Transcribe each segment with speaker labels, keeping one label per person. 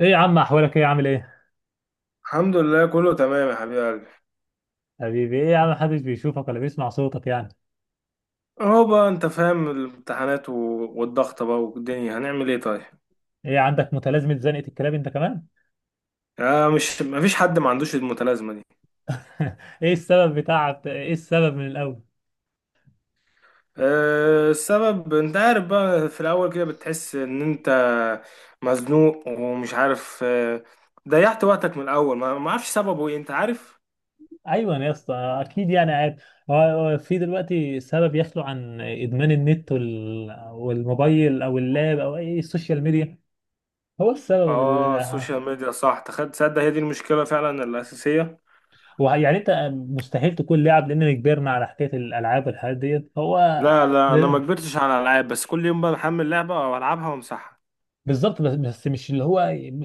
Speaker 1: ايه يا عم، احوالك ايه، عامل ايه؟
Speaker 2: الحمد لله كله تمام يا حبيب قلبي.
Speaker 1: حبيبي، ايه يا عم، محدش بيشوفك ولا بيسمع صوتك يعني؟
Speaker 2: اهو بقى انت فاهم الامتحانات والضغط بقى والدنيا هنعمل ايه طيب؟
Speaker 1: ايه، عندك متلازمة زنقة الكلاب انت كمان؟
Speaker 2: آه، مش مفيش حد ما عندوش المتلازمه دي.
Speaker 1: ايه السبب بتاع ايه، السبب من الاول؟
Speaker 2: آه، السبب انت عارف بقى في الاول كده بتحس ان انت مزنوق ومش عارف. ضيعت وقتك من الاول ما اعرفش سببه ايه انت عارف.
Speaker 1: ايوه يا اسطى، اكيد يعني عارف. هو في دلوقتي سبب يخلو عن ادمان النت والموبايل او اللاب او اي السوشيال ميديا؟ هو السبب ال...
Speaker 2: اه، السوشيال ميديا صح. تخد تصدق، هي دي المشكله فعلا الاساسيه.
Speaker 1: هو يعني انت مستحيل تكون لاعب، لاننا كبرنا على حكاية الالعاب والحاجات ديت. هو
Speaker 2: لا لا، انا ما كبرتش على الالعاب، بس كل يوم بقى بحمل لعبه والعبها وامسحها.
Speaker 1: بالظبط، بس مش اللي هو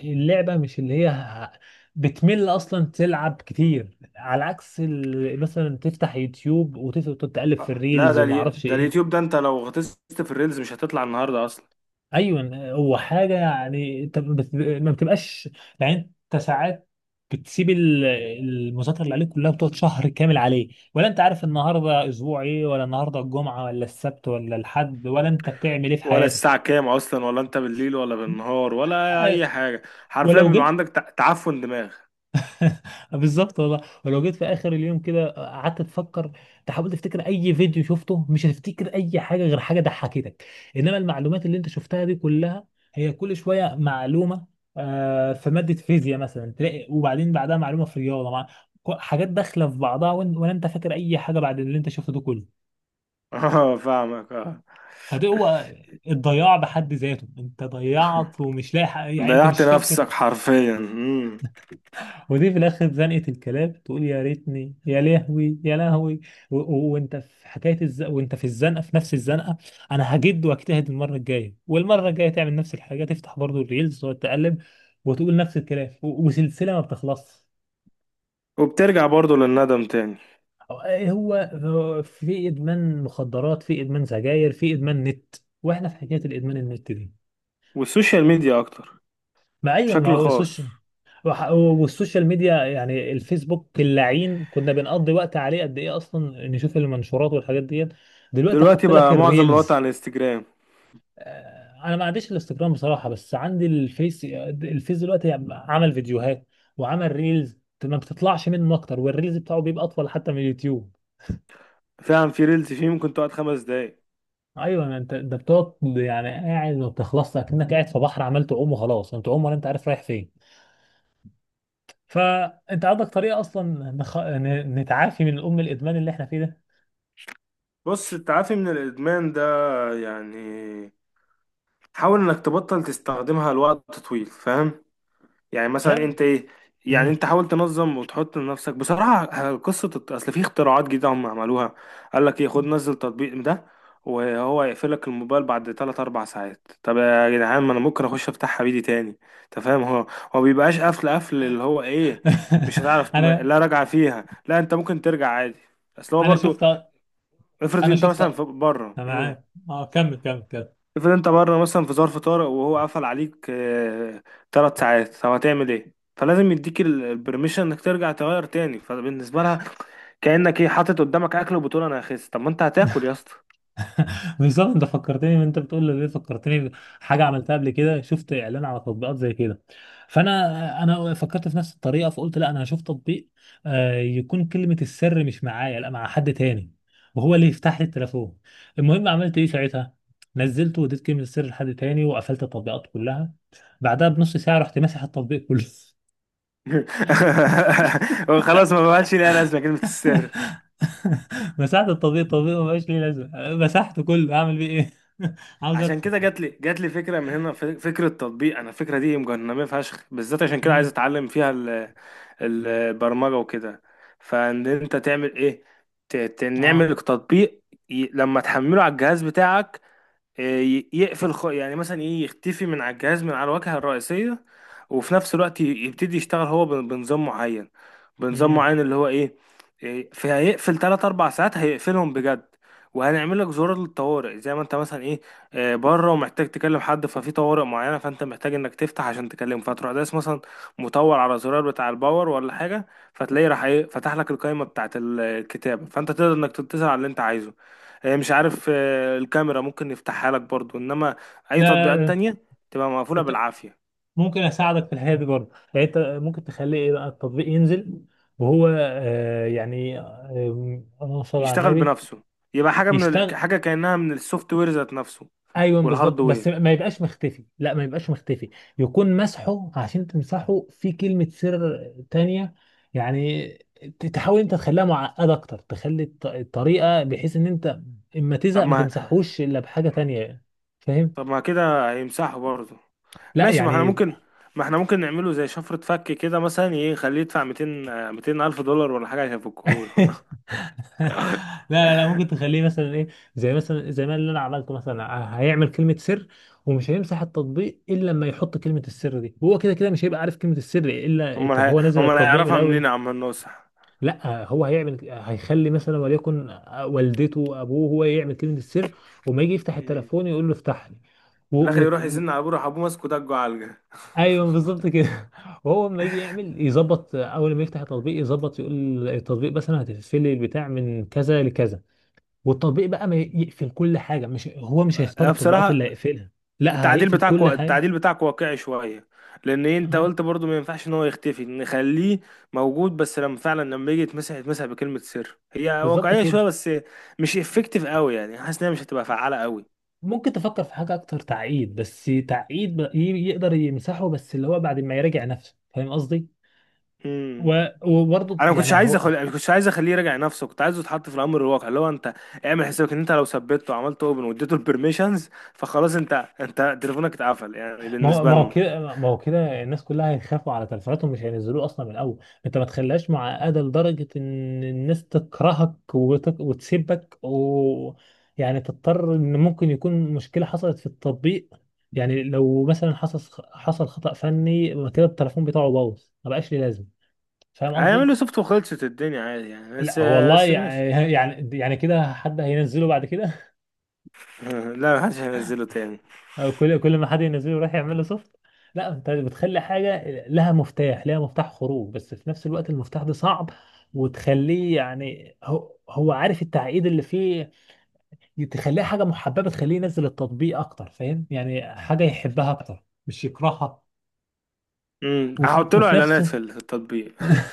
Speaker 1: اللعبة، مش اللي هي بتمل أصلا تلعب كتير، على عكس مثلا تفتح يوتيوب وتقعد تقلب في
Speaker 2: لا،
Speaker 1: الريلز وما اعرفش
Speaker 2: ده اليوتيوب
Speaker 1: ايه.
Speaker 2: ده، انت لو غطست في الريلز مش هتطلع النهارده اصلا.
Speaker 1: ايوه، هو حاجة يعني انت ما بتبقاش، يعني انت ساعات بتسيب المذاكرة اللي عليك كلها، بتقعد شهر كامل عليه. ولا انت عارف النهاردة اسبوع ايه، ولا النهاردة الجمعة ولا السبت ولا الحد، ولا انت بتعمل ايه في
Speaker 2: ولا
Speaker 1: حياتك.
Speaker 2: الساعة كام اصلا، ولا انت بالليل ولا بالنهار ولا
Speaker 1: أه،
Speaker 2: اي حاجة. حرفيا
Speaker 1: ولو
Speaker 2: بيبقى
Speaker 1: جيت.
Speaker 2: عندك تعفن دماغ.
Speaker 1: بالظبط والله، ولو جيت في اخر اليوم كده قعدت تفكر، تحاول تفتكر اي فيديو شفته، مش هتفتكر اي حاجه غير حاجه ضحكتك. انما المعلومات اللي انت شفتها دي كلها، هي كل شويه معلومه. في ماده فيزياء مثلا تلاقي، وبعدين بعدها معلومه في رياضه، مع حاجات داخله في بعضها، ولا انت فاكر اي حاجه بعد اللي انت شفته ده كله.
Speaker 2: اه، فاهمك اه.
Speaker 1: فده هو الضياع بحد ذاته، انت ضيعت ومش لاحق، يعني انت
Speaker 2: ضيعت
Speaker 1: مش فاكر.
Speaker 2: نفسك حرفيا. مم.
Speaker 1: ودي في الاخر زنقه الكلاب، تقول يا ريتني، يا لهوي يا لهوي. وانت في وانت في الزنقه، في نفس الزنقه. انا هجد واجتهد المره الجايه، والمره الجايه تعمل نفس الحاجه، تفتح برضو الريلز وتقلب وتقول نفس الكلام. وسلسله ما بتخلصش.
Speaker 2: وبترجع برضو للندم تاني.
Speaker 1: هو. في ادمان مخدرات، في ادمان سجاير، في ادمان نت، واحنا في حكايه الادمان النت دي.
Speaker 2: والسوشيال ميديا اكتر،
Speaker 1: ما ايوه، ما
Speaker 2: بشكل
Speaker 1: هو
Speaker 2: خاص.
Speaker 1: السوشيال. والسوشيال ميديا يعني الفيسبوك اللعين، كنا بنقضي وقت عليه قد ايه اصلا نشوف المنشورات والحاجات ديت. دلوقتي
Speaker 2: دلوقتي
Speaker 1: حط لك
Speaker 2: بقى معظم الوقت
Speaker 1: الريلز.
Speaker 2: على الانستجرام.
Speaker 1: انا ما عنديش الانستجرام بصراحه، بس عندي الفيس. الفيس دلوقتي عمل فيديوهات وعمل ريلز، ما بتطلعش منه اكتر، والريلز بتاعه بيبقى اطول حتى من اليوتيوب.
Speaker 2: فعلا في ريلز فيه ممكن تقعد 5 دقايق.
Speaker 1: ايوه، ما انت ده بتقعد يعني قاعد ما بتخلصش، اكنك قاعد في بحر عمال تعوم وخلاص، انت تعوم ولا انت عارف رايح فين. فانت عندك طريقه اصلا نتعافي من الام الادمان اللي احنا فيه ده؟
Speaker 2: بص، التعافي من الادمان ده يعني حاول انك تبطل تستخدمها لوقت طويل، فاهم؟ يعني
Speaker 1: مش
Speaker 2: مثلا
Speaker 1: عارف.
Speaker 2: انت ايه. يعني
Speaker 1: مم.
Speaker 2: انت حاول تنظم وتحط لنفسك بصراحه، قصه اصل في اختراعات جديده هم عملوها. قال لك ايه، خد نزل التطبيق ده وهو يقفل لك الموبايل بعد 3 4 ساعات. طب يا جدعان، ما انا ممكن اخش افتح حبيبي تاني. انت فاهم. هو هو بيبقاش قفل قفل اللي هو ايه. مش هتعرف
Speaker 1: انا
Speaker 2: لا راجعه فيها، لا انت ممكن ترجع عادي. اصل هو
Speaker 1: انا
Speaker 2: برضو،
Speaker 1: شفت،
Speaker 2: افرض
Speaker 1: انا
Speaker 2: انت
Speaker 1: شفت،
Speaker 2: مثلا
Speaker 1: انا
Speaker 2: في بره.
Speaker 1: معاك. اه، كمل كمل كمل.
Speaker 2: افرض انت بره مثلا في ظرف طارئ وهو قفل عليك 3 ساعات. طب هتعمل ايه؟ فلازم يديك البرميشن انك ترجع تغير تاني. فبالنسبه لها كانك ايه حاطط قدامك اكل وبتقول انا هخس. طب ما انت هتاكل يا اسطى.
Speaker 1: بالظبط، انت فكرتني، انت بتقول لي ليه فكرتني. حاجه عملتها قبل كده، شفت اعلان على تطبيقات زي كده. فانا فكرت في نفس الطريقه، فقلت لا انا هشوف تطبيق يكون كلمه السر مش معايا، لا مع حد تاني، وهو اللي يفتح لي التليفون. المهم عملت ايه ساعتها، نزلته واديت كلمه السر لحد تاني، وقفلت التطبيقات كلها. بعدها بنص ساعه رحت ماسح التطبيق كله.
Speaker 2: خلاص، ما بقاش ليها لازمه كلمه السر.
Speaker 1: مسحت التطبيق ما بقاش ليه لازمه، مسحته كله اعمل بيه ايه. عاوز
Speaker 2: عشان
Speaker 1: ادخل.
Speaker 2: كده جات لي فكره من هنا، فكره تطبيق. انا الفكره دي مجننه فشخ، بالذات عشان كده عايز
Speaker 1: امم.
Speaker 2: اتعلم فيها البرمجه وكده. فان انت تعمل ايه،
Speaker 1: اه.
Speaker 2: نعمل تطبيق لما تحمله على الجهاز بتاعك. يعني مثلا ايه، يختفي من على الجهاز من على الواجهة الرئيسية. وفي نفس الوقت يبتدي يشتغل هو بنظام معين. بنظام
Speaker 1: امم.
Speaker 2: معين اللي هو ايه. في هيقفل 3 4 ساعات، هيقفلهم بجد. وهنعمل لك زرار للطوارئ، زي ما انت مثلا ايه، بره ومحتاج تكلم حد، ففي طوارئ معينه فانت محتاج انك تفتح عشان تكلمه. فتروح داس مثلا مطول على زرار بتاع الباور ولا حاجه، فتلاقيه راح ايه فتح لك القائمه بتاعت الكتاب. فانت تقدر انك تتصل على اللي انت عايزه. هي مش عارف، الكاميرا ممكن يفتحها لك برضو، انما اي تطبيقات
Speaker 1: لا،
Speaker 2: تانية تبقى مقفولة
Speaker 1: انت
Speaker 2: بالعافية.
Speaker 1: ممكن اساعدك في الحياه دي برضه. يعني انت ممكن تخلي ايه بقى، التطبيق ينزل وهو يعني اللهم صل على
Speaker 2: يشتغل
Speaker 1: النبي،
Speaker 2: بنفسه. يبقى حاجة
Speaker 1: يشتغل.
Speaker 2: حاجة كأنها من السوفت وير ذات نفسه
Speaker 1: ايوه بالظبط، بس
Speaker 2: والهاردوير.
Speaker 1: ما يبقاش مختفي، لا ما يبقاش مختفي. يكون مسحه، عشان تمسحه، في كلمه سر تانية. يعني تحاول انت تخليها معقده اكتر، تخلي الطريقه بحيث ان انت اما
Speaker 2: طب
Speaker 1: تزهق ما
Speaker 2: ما
Speaker 1: تمسحوش الا بحاجه تانية. فاهم؟
Speaker 2: طب ما كده هيمسحه برضو.
Speaker 1: لا
Speaker 2: ماشي،
Speaker 1: يعني،
Speaker 2: ما احنا ممكن نعمله زي شفرة فك كده، مثلا ايه يخليه يدفع 200، 200 ألف دولار ولا حاجة عشان يفكهوله.
Speaker 1: لا لا لا، ممكن تخليه مثلا ايه، زي مثلا زي ما اللي انا عملته مثلا. هيعمل كلمة سر، ومش هيمسح التطبيق الا لما يحط كلمة السر دي، وهو كده كده مش هيبقى عارف كلمة السر. الا
Speaker 2: امال
Speaker 1: طب
Speaker 2: هي...
Speaker 1: هو نزل
Speaker 2: امال
Speaker 1: التطبيق من
Speaker 2: هيعرفها منين
Speaker 1: الاول.
Speaker 2: يا عم الناصح.
Speaker 1: لا، هو هيعمل، هيخلي مثلا وليكن والدته ابوه، هو يعمل كلمة السر. وما يجي يفتح
Speaker 2: مم.
Speaker 1: التليفون يقول له افتح لي. و...
Speaker 2: في الآخر
Speaker 1: و...
Speaker 2: يروح
Speaker 1: و...
Speaker 2: يزن على أبوه، راح أبوه ماسكه دجه علقة.
Speaker 1: ايوه بالظبط كده. وهو لما يجي يعمل يظبط، اول ما يفتح التطبيق يظبط، يقول التطبيق مثلا هتقفل لي البتاع من كذا لكذا. والتطبيق بقى ما يقفل كل حاجه، مش هو مش هيختار التطبيقات اللي
Speaker 2: بصراحة،
Speaker 1: هيقفلها. لا،
Speaker 2: التعديل
Speaker 1: هيقفل
Speaker 2: بتاعك
Speaker 1: كل حاجه.
Speaker 2: التعديل بتاعك واقعي شويه، لان انت
Speaker 1: اه
Speaker 2: قلت برضو ما ينفعش ان هو يختفي، نخليه موجود بس لما يجي يتمسح، يتمسح بكلمه سر. هي
Speaker 1: بالظبط
Speaker 2: واقعيه
Speaker 1: كده.
Speaker 2: شويه بس مش افكتيف قوي، يعني حاسس انها مش هتبقى فعاله قوي.
Speaker 1: ممكن تفكر في حاجه اكتر تعقيد، بس تعقيد بقى يقدر يمسحه، بس اللي هو بعد ما يراجع نفسه. فاهم قصدي؟
Speaker 2: امم
Speaker 1: وبرضه
Speaker 2: انا ما كنتش
Speaker 1: يعني
Speaker 2: عايز
Speaker 1: هو،
Speaker 2: اخلي ما كنتش عايز اخليه يراجع نفسه، كنت عايزه يتحط في الامر الواقع اللي هو انت اعمل حسابك ان انت لو ثبته وعملت اوبن واديته البرميشنز، فخلاص انت تليفونك اتقفل، يعني
Speaker 1: ما هو
Speaker 2: بالنسبه
Speaker 1: ما هو
Speaker 2: لنا
Speaker 1: كده ما هو كده الناس كلها هيخافوا على تلفوناتهم، مش هينزلوه اصلا من الاول. انت ما تخليهاش معقده لدرجه ان الناس تكرهك وتسيبك و يعني تضطر. ان ممكن يكون مشكله حصلت في التطبيق، يعني لو مثلا حصل خطأ فني، يبقى كده التليفون بتاعه باظ، ما بقاش ليه لازمه. فاهم
Speaker 2: هيعمل
Speaker 1: قصدي؟
Speaker 2: له سوفت وخلصت الدنيا عادي يعني. بس
Speaker 1: لا والله،
Speaker 2: بس ماشي.
Speaker 1: يعني كده حد هينزله بعد كده؟
Speaker 2: لا، محدش هينزله تاني.
Speaker 1: أو كل ما حد ينزله يروح يعمل له سوفت. لا، انت بتخلي حاجه لها مفتاح، لها مفتاح خروج، بس في نفس الوقت المفتاح ده صعب، وتخليه يعني هو عارف التعقيد اللي فيه. تخليها حاجه محببه، تخليه ينزل التطبيق اكتر، فاهم، يعني حاجه يحبها اكتر مش يكرهها.
Speaker 2: هحط له
Speaker 1: وفي نفس.
Speaker 2: اعلانات في التطبيق.
Speaker 1: اه.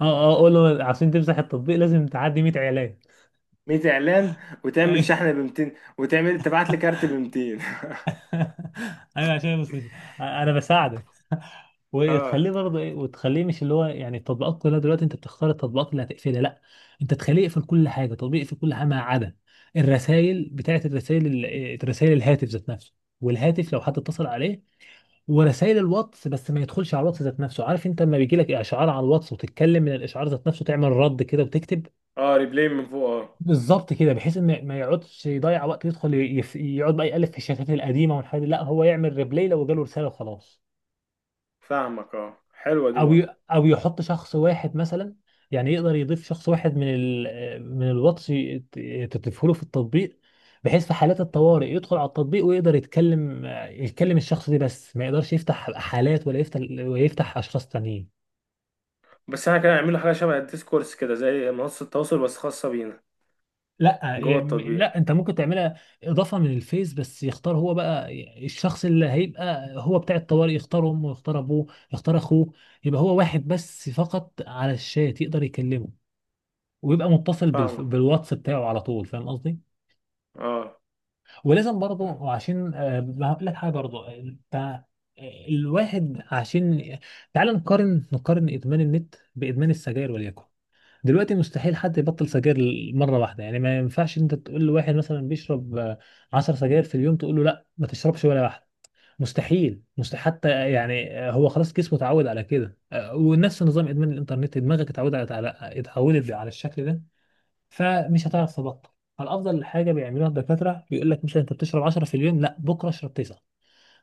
Speaker 1: اه، اقول له عشان تمسح التطبيق لازم تعدي 100 اعلان.
Speaker 2: 100 اعلان. وتعمل شحن ب 200، وتعمل تبعت لي كارت ب 200.
Speaker 1: ايوه عشان بس مش... انا بساعدك.
Speaker 2: اه،
Speaker 1: وتخليه برضه ايه، وتخليه مش اللي هو يعني التطبيقات كلها دلوقتي انت بتختار التطبيقات اللي هتقفلها. لا، انت تخليه يقفل كل حاجه، تطبيق يقفل كل حاجه ما عدا الرسائل، بتاعت الرسائل، الرسائل، الهاتف ذات نفسه، والهاتف لو حد اتصل عليه، ورسائل الواتس. بس ما يدخلش على الواتس ذات نفسه، عارف انت لما بيجي لك اشعار على الواتس وتتكلم من الاشعار ذات نفسه، تعمل رد كده وتكتب.
Speaker 2: اه، ريبلاي من فوق اه.
Speaker 1: بالظبط كده، بحيث ان ما يقعدش يضيع وقت يدخل يقعد بقى يقلب في الشتات القديمه والحاجات دي، لا هو يعمل ريبلاي لو جاله رساله وخلاص.
Speaker 2: فاهمك، اه، حلوه دي
Speaker 1: او
Speaker 2: برضه.
Speaker 1: او يحط شخص واحد مثلا، يعني يقدر يضيف شخص واحد من الواتس تضيفه له في التطبيق، بحيث في حالات الطوارئ يدخل على التطبيق ويقدر يتكلم الشخص ده بس، ما يقدرش يفتح حالات ولا يفتح ولا يفتح اشخاص تانيين.
Speaker 2: بس انا كان اعمل له حاجه شبه الديسكورس كده، زي منصه تواصل بس خاصه بينا
Speaker 1: لا
Speaker 2: جوه التطبيق.
Speaker 1: لا انت ممكن تعملها اضافه من الفيس، بس يختار هو بقى الشخص اللي هيبقى هو بتاع الطوارئ، يختار امه، يختار ابوه، يختار اخوه. يبقى هو واحد بس فقط على الشات يقدر يكلمه، ويبقى متصل
Speaker 2: فاهمك
Speaker 1: بالواتس بتاعه على طول. فاهم قصدي؟
Speaker 2: اه.
Speaker 1: ولازم برضه عشان ما هقول لك حاجه برضه انت، الواحد عشان، تعال نقارن نقارن ادمان النت بادمان السجاير وليكن. دلوقتي مستحيل حد يبطل سجاير مره واحده، يعني ما ينفعش انت تقول لواحد مثلا بيشرب 10 سجاير في اليوم، تقول له لا ما تشربش ولا واحده. مستحيل، مستحيل حتى يعني هو خلاص جسمه اتعود على كده. ونفس نظام ادمان الانترنت، دماغك اتعودت على الشكل ده، فمش هتعرف تبطل. فالافضل حاجه بيعملوها الدكاتره بيقول لك مثلا انت بتشرب 10 في اليوم، لا بكره اشرب 9،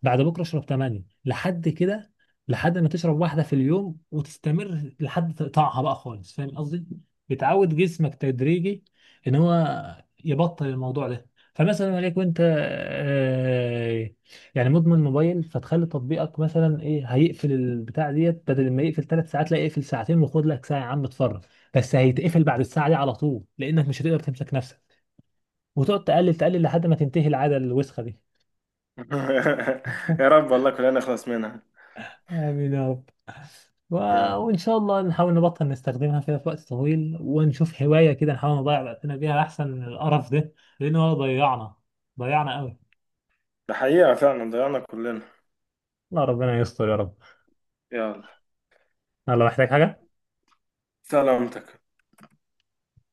Speaker 1: بعد بكره اشرب 8 لحد كده، لحد ما تشرب واحده في اليوم، وتستمر لحد تقطعها بقى خالص. فاهم قصدي؟ بتعود جسمك تدريجي ان هو يبطل الموضوع ده. فمثلا وليكن انت يعني مدمن موبايل، فتخلي تطبيقك مثلا ايه هيقفل البتاع ديت، بدل ما يقفل 3 ساعات لا يقفل ساعتين، وخد لك ساعه يا عم اتفرج. بس هيتقفل بعد الساعه دي على طول لانك مش هتقدر تمسك نفسك، وتقعد تقلل لحد ما تنتهي العاده الوسخه دي.
Speaker 2: يا رب والله كلنا نخلص منها.
Speaker 1: آمين يا رب. و...
Speaker 2: يلا.
Speaker 1: وإن شاء الله نحاول نبطل نستخدمها كده في وقت طويل، ونشوف هواية كده نحاول نضيع وقتنا بيها، أحسن من القرف ده، لأنه هو ضيعنا، ضيعنا قوي.
Speaker 2: ده حقيقه فعلا، ضيعنا كلنا.
Speaker 1: الله ربنا يستر يا رب.
Speaker 2: يلا.
Speaker 1: الله محتاج حاجة.
Speaker 2: سلامتك.